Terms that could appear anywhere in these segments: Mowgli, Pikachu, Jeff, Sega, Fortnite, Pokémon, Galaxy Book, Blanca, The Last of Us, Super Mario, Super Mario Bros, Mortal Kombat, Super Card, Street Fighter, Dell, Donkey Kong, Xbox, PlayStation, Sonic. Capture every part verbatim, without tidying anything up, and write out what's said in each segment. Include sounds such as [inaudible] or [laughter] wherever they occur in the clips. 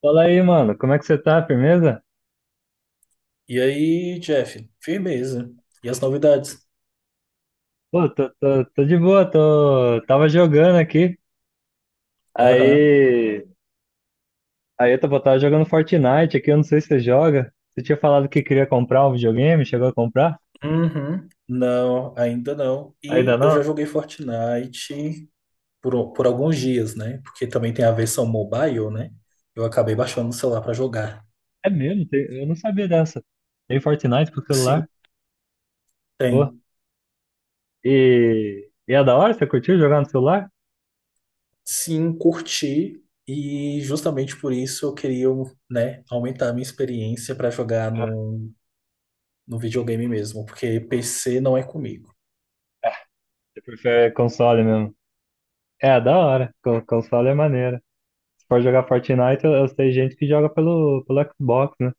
Fala aí, mano, como é que você tá? Firmeza? E aí, Jeff, firmeza. E as novidades? Pô, tô, tô, tô de boa, tô, tava jogando aqui, Aham. aí, aí eu tava, tava jogando Fortnite aqui. Eu não sei se você joga, você tinha falado que queria comprar um videogame, chegou a comprar? Uhum. Não, ainda não. Ainda E eu já não? joguei Fortnite por, por alguns dias, né? Porque também tem a versão mobile, né? Eu acabei baixando no celular para jogar. É mesmo, tem- eu não sabia dessa, tem Fortnite pro Sim, celular. Pô, tem. e, e é da hora, você curtiu jogar no celular? Sim, curti. E justamente por isso eu queria, né, aumentar a minha experiência para jogar Ah, no, no videogame mesmo. Porque P C não é comigo. você prefere console mesmo? É, da hora. Con- console é maneira. Se for jogar Fortnite, eu, eu sei gente que joga pelo, pelo Xbox, né?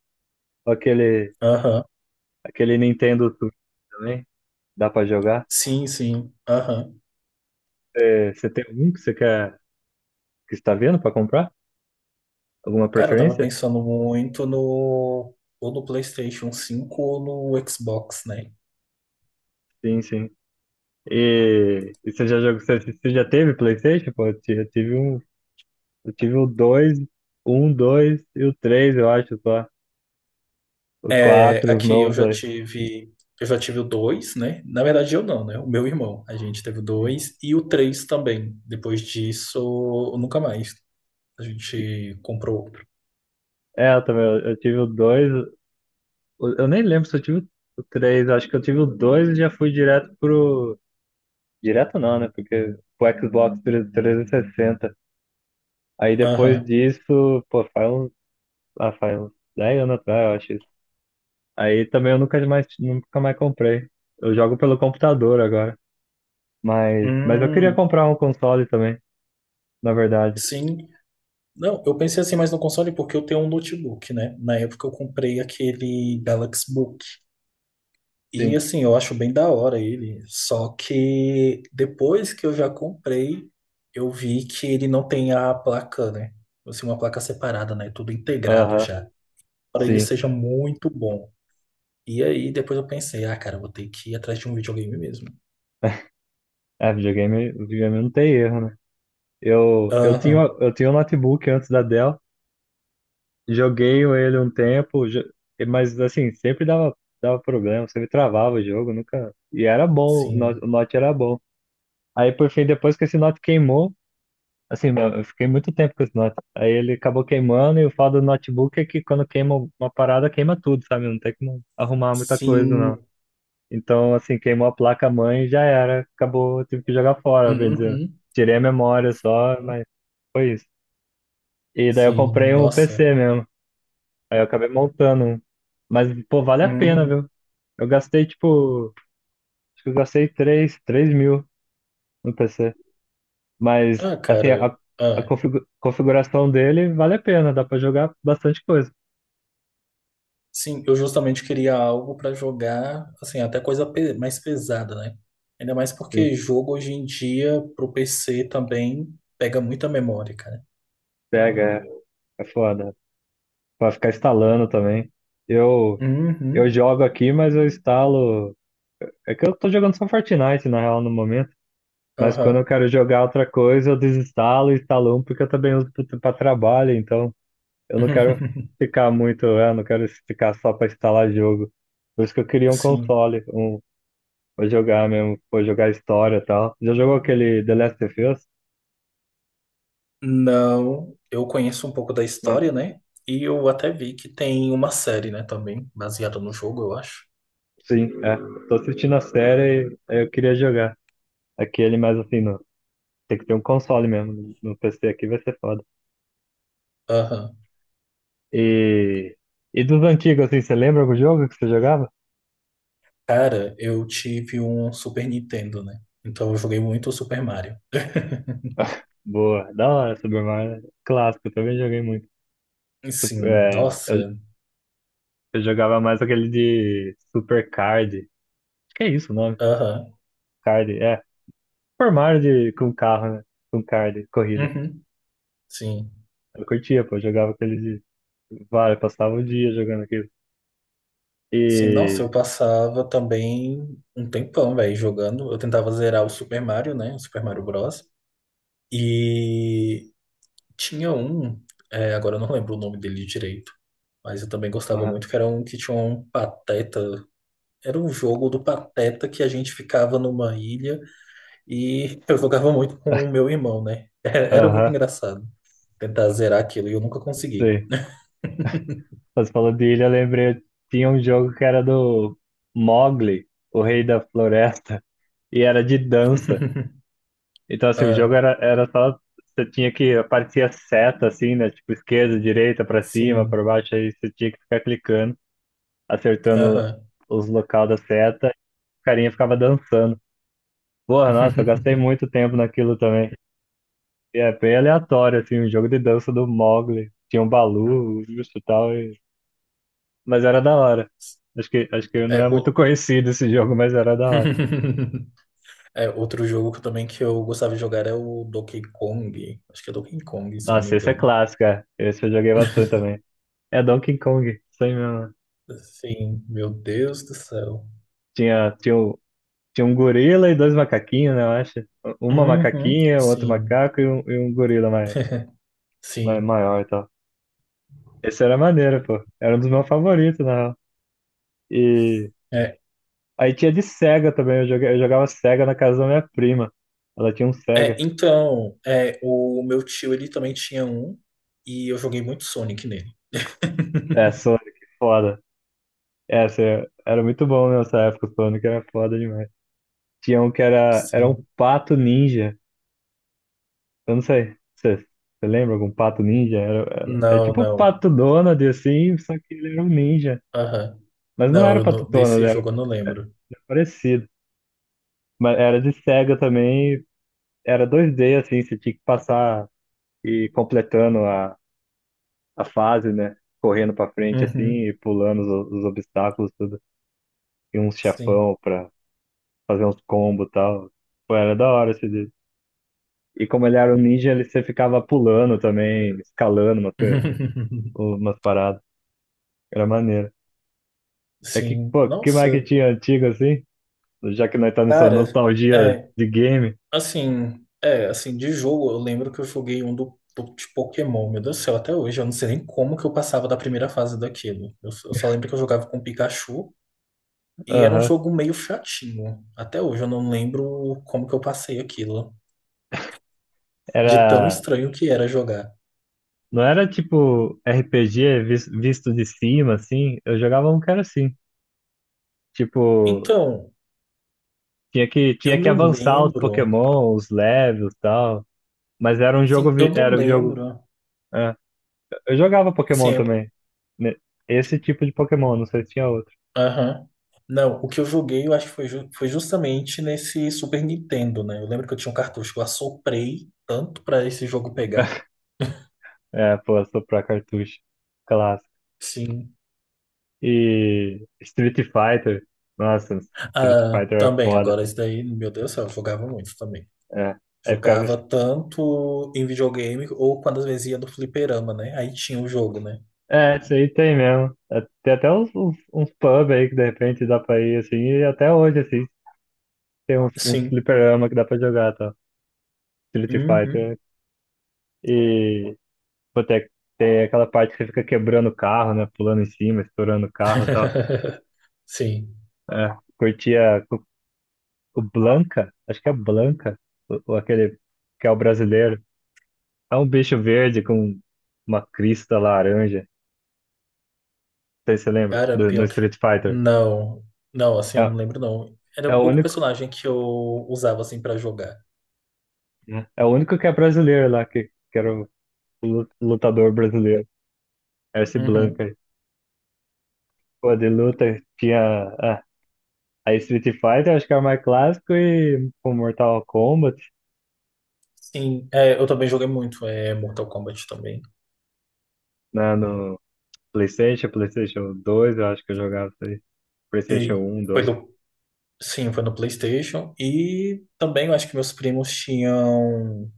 Aquele... Aham. Aquele Nintendo Switch também, dá pra jogar. Sim, sim. Aham. É, você tem algum que você quer, que está vendo pra comprar? Alguma Cara, eu tava preferência? pensando muito no ou no PlayStation cinco ou no Xbox, né? Sim, sim. E, e você já jogou, você, você já teve PlayStation? Pô, eu ti- eu tive um, eu tive o dois, um, dois e o três, eu acho só. O É, quatro, os aqui eu novos já aí. tive, eu já tive o dois, né? Na verdade eu não, né? O meu irmão, a gente teve o Sim. dois e o três também. Depois disso, nunca mais. A E- gente comprou outro. É, eu também, eu, eu tive o dois. eu, eu nem lembro se eu tive o três. Acho que eu tive o dois e já fui direto pro... Direto não, né? Porque o Xbox trezentos e sessenta. Aí depois Aham. disso, pô, faz uns, ah, faz uns dez anos atrás, eu acho. Isso. Aí também eu nunca mais, nunca mais comprei. Eu jogo pelo computador agora. Mas, mas eu queria Hum, comprar um console também, na verdade. sim. Não, eu pensei assim mais no console porque eu tenho um notebook, né? Na época eu comprei aquele Galaxy Book. E Sim. assim, eu acho bem da hora ele. Só que depois que eu já comprei, eu vi que ele não tem a placa, né? Assim, uma placa separada, né? Tudo integrado Aham, já. Para ele sim. seja muito bom. E aí depois eu pensei, ah, cara, eu vou ter que ir atrás de um videogame mesmo. É, videogame, videogame não tem erro, né? Eu, eu tinha, Aham, eu tinha um notebook antes da Dell, joguei ele um tempo, jo- mas assim, sempre dava, dava problema, sempre travava o jogo, nunca. E era bom, o sim. Note o Note era bom. Aí, por fim, depois que esse Note queimou, assim, meu, eu fiquei muito tempo com esse note. Aí ele acabou queimando, e o foda do notebook é que quando queima uma parada, queima tudo, sabe? Não tem como arrumar muita coisa, não. Sim. Então, assim, queimou a placa-mãe e já era. Acabou, eu tive que jogar fora, bem dizer. Uhum, Tirei a memória só, mas foi isso. E daí eu sim, comprei um nossa. P C mesmo. Aí eu acabei montando um. Mas, pô, vale a pena, Hum. viu? Eu gastei, tipo, acho que eu gastei três três mil no P C. Mas, Ah, assim, cara. a, a Ah. configu- configuração dele vale a pena, dá pra jogar bastante coisa. Sim, eu justamente queria algo para jogar, assim, até coisa pe- mais pesada, né? Ainda mais Sim, porque jogo hoje em dia pro P C também pega muita memória, cara. pega. Hum, é, é foda. Pra ficar instalando também. Eu, eu Uhum. jogo aqui, mas eu instalo. É que eu tô jogando só Fortnite, na real, no momento. Mas quando eu Aham. quero jogar outra coisa, eu desinstalo e instalo um, porque eu também uso pro- pra trabalho, então eu não quero [laughs] ficar muito, é, não quero ficar só pra instalar jogo. Por isso que eu queria um Sim. console, um... Vou jogar mesmo, vou jogar história e tal. Já jogou aquele The Last of Us? Não, eu conheço um pouco da Ah, história, né? E eu até vi que tem uma série, né, também, baseada no jogo, eu acho. sim, é. Tô assistindo a série e aí eu queria jogar. Aquele, mas assim, no, tem que ter um console mesmo, né? No P C aqui vai ser foda. Aham. E, e dos antigos, assim, você lembra algum jogo que você jogava? Cara, eu tive um Super Nintendo, né? Então eu joguei muito o Super Mario. [laughs] Boa, da hora, Super Mario. Clássico, eu também joguei muito. Sup- Sim, É, eu, nossa. eu jogava mais aquele de Super Card. Acho que é isso o nome. Aham. Card, é. Super Mario de, com carro, né? Com card, corrida. Uhum. Sim. Eu curtia, pô, eu jogava aquele Vale, passava o dia jogando aquilo. Sim, nossa, E. eu passava também um tempão, velho, jogando. Eu tentava zerar o Super Mario, né? O Super Mario Bros. E tinha um, é, agora eu não lembro o nome dele direito, mas eu também gostava Aham. muito, que era um que tinha um pateta. Era um jogo do pateta que a gente ficava numa ilha e eu jogava muito com o meu irmão, né? [laughs] Era muito Aham, engraçado tentar zerar aquilo e eu nunca consegui. sei. Você falou de ilha, eu lembrei. Tinha um jogo que era do Mowgli, o Rei da Floresta, e era de dança. [laughs] Então, assim, o jogo Ah, era, era só. Você tinha que... Aparecia seta, assim, né? Tipo, esquerda, direita, pra cima, pra sim. baixo. Aí você tinha que ficar clicando, acertando Aham. os locais da seta. E o carinha ficava dançando. Porra, nossa, eu gastei [laughs] muito tempo naquilo também. E é bem aleatório, assim, o jogo de dança do Mogli. Tinha um Balu, justo e tal, e... mas era da hora. Acho que, acho que não É, é muito o... conhecido esse [laughs] jogo, mas era da hora. [laughs] É, outro jogo que eu também que eu gostava de jogar é o Donkey Kong. Acho que é Donkey Kong, se eu não me Nossa, esse é engano. clássico, é. Esse eu joguei bastante também. É Donkey Kong, isso aí mesmo. Sim, meu Deus do céu. Tinha, tinha, o- tinha um gorila e dois macaquinhos, né, eu acho. Uma Uhum, macaquinha, outro sim, macaco e um, e um gorila mais, sim. maior e tal. Esse era maneiro, pô. Era um dos meus favoritos, na real. E É, aí tinha de Sega também, eu joga- eu jogava Sega na casa da minha prima. Ela tinha um é, Sega. então, é, o meu tio ele também tinha um e eu joguei muito Sonic nele. É, [laughs] Sonic, foda. É, essa é, era muito bom nessa época, o Sonic era foda demais. Tinha um que era, era um Sim. pato ninja. Eu não sei, você, você lembra algum pato ninja? Era, era- é Não, tipo o não. pato Donald, assim, só que ele era um ninja. Aham. Mas não era Não, o eu pato não- Donald, desse era jogo eu não lembro. parecido. Mas era de Sega também, era dois d assim, você tinha que passar e ir completando a a fase, né? Correndo pra frente assim e Uhum, pulando os, os obstáculos, tudo. E uns sim. chefão pra fazer uns combos e tal. Pô, era da hora esse dia. E como ele era um ninja, ele, você ficava pulando também, escalando umas, coisas, [laughs] umas paradas. Era maneiro. É que, Sim. pô, que mais Nossa, que tinha antigo assim? Já que nós tá nessa cara, nostalgia é. de game. Assim, é, assim, de jogo, eu lembro que eu joguei um do, do- de Pokémon, meu Deus do céu, até hoje, eu não sei nem como que eu passava da primeira fase daquilo. Eu, só eu só lembro que eu jogava com Pikachu e era um Aham. jogo meio chatinho. Até hoje eu não lembro como que eu passei aquilo, de tão Era. estranho que era jogar. Não era tipo R P G vis- visto de cima, assim. Eu jogava um que era assim. Tipo, Então, Tinha que, eu tinha que não avançar os lembro, Pokémon, os levels e tal. Mas era um jogo. sim, eu vi- não Era um jogo. lembro. É. Eu jogava Pokémon Assim. também, né? Esse tipo de Pokémon, não sei se tinha outro. Aham. Não, o que eu joguei, eu acho que foi, ju- foi justamente nesse Super Nintendo, né? Eu lembro que eu tinha um cartucho que eu assoprei tanto pra esse jogo pegar. É, pô, soprar cartucho. Clássico. Sim. E Street Fighter. Nossa, Street Ah, Fighter é também, foda. agora esse daí, meu Deus do céu, eu jogava muito também. É. Aí ficava, Jogava assim. tanto em videogame ou quando às vezes ia no fliperama, né? Aí tinha o jogo, né? É, isso aí tem mesmo. É, tem até uns, uns, uns pub aí que de repente dá pra ir assim. E até hoje, assim, tem uns, uns Sim. fliperama que dá pra jogar, tá? Street Uhum. Fighter. E. Pô, tem, tem aquela parte que você fica quebrando o carro, né? Pulando em cima, estourando o carro e tal. [laughs] Sim. É. Curtia o, o Blanca, acho que é Blanca, o, o aquele que é o brasileiro. É um bicho verde com uma crista laranja. Não sei se você lembra, Cara, do- no pior que. Street Fighter. Não. Não, assim, eu É, não lembro, não. Era é o pouco único. personagem que eu usava, assim, pra jogar. Né? É o único que é brasileiro lá, que, que era o lu- lutador brasileiro. Era esse Blanca Uhum. aí. Pô, de luta tinha. Ah, aí Street Fighter, acho que era mais clássico, e com Mortal Kombat, Sim, é, eu também joguei muito é, Mortal Kombat também. né, no PlayStation, PlayStation dois, eu acho que eu jogava isso aí. PlayStation E um, foi dois, no, sim, foi no PlayStation. E também eu acho que meus primos tinham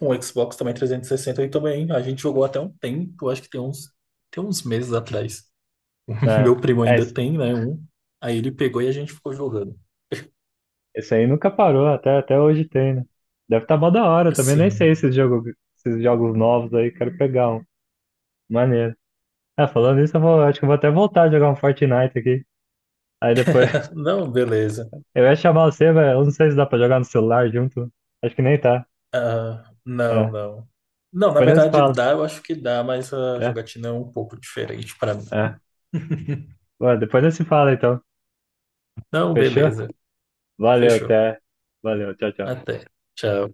um Xbox também trezentos e sessenta e sessenta e também a gente jogou até um tempo, acho que tem uns, tem uns meses atrás. [laughs] Né? Meu primo É, ainda esse tem, né, um. Aí ele pegou e a gente ficou jogando. esse aí nunca parou, até, até hoje tem, né? Deve estar tá mó da hora, também nem Sim. sei esses jogos, esses jogos novos aí, quero pegar um. Maneiro. É, falando isso, eu vou, acho que eu vou até voltar a jogar um Fortnite aqui. Aí depois, [laughs] [laughs] Não, beleza. eu ia chamar você, velho, eu não sei se dá pra jogar no celular junto. Acho que nem tá. Ah, não, É, não. Não, na depois nós se verdade fala. dá, eu acho que dá, mas a É, jogatina é um pouco diferente para mim. é. [laughs] Ué, depois nós se fala, então. Não, Fechou? beleza. Valeu, Fechou. até. Valeu, tchau, tchau. Até. Tchau.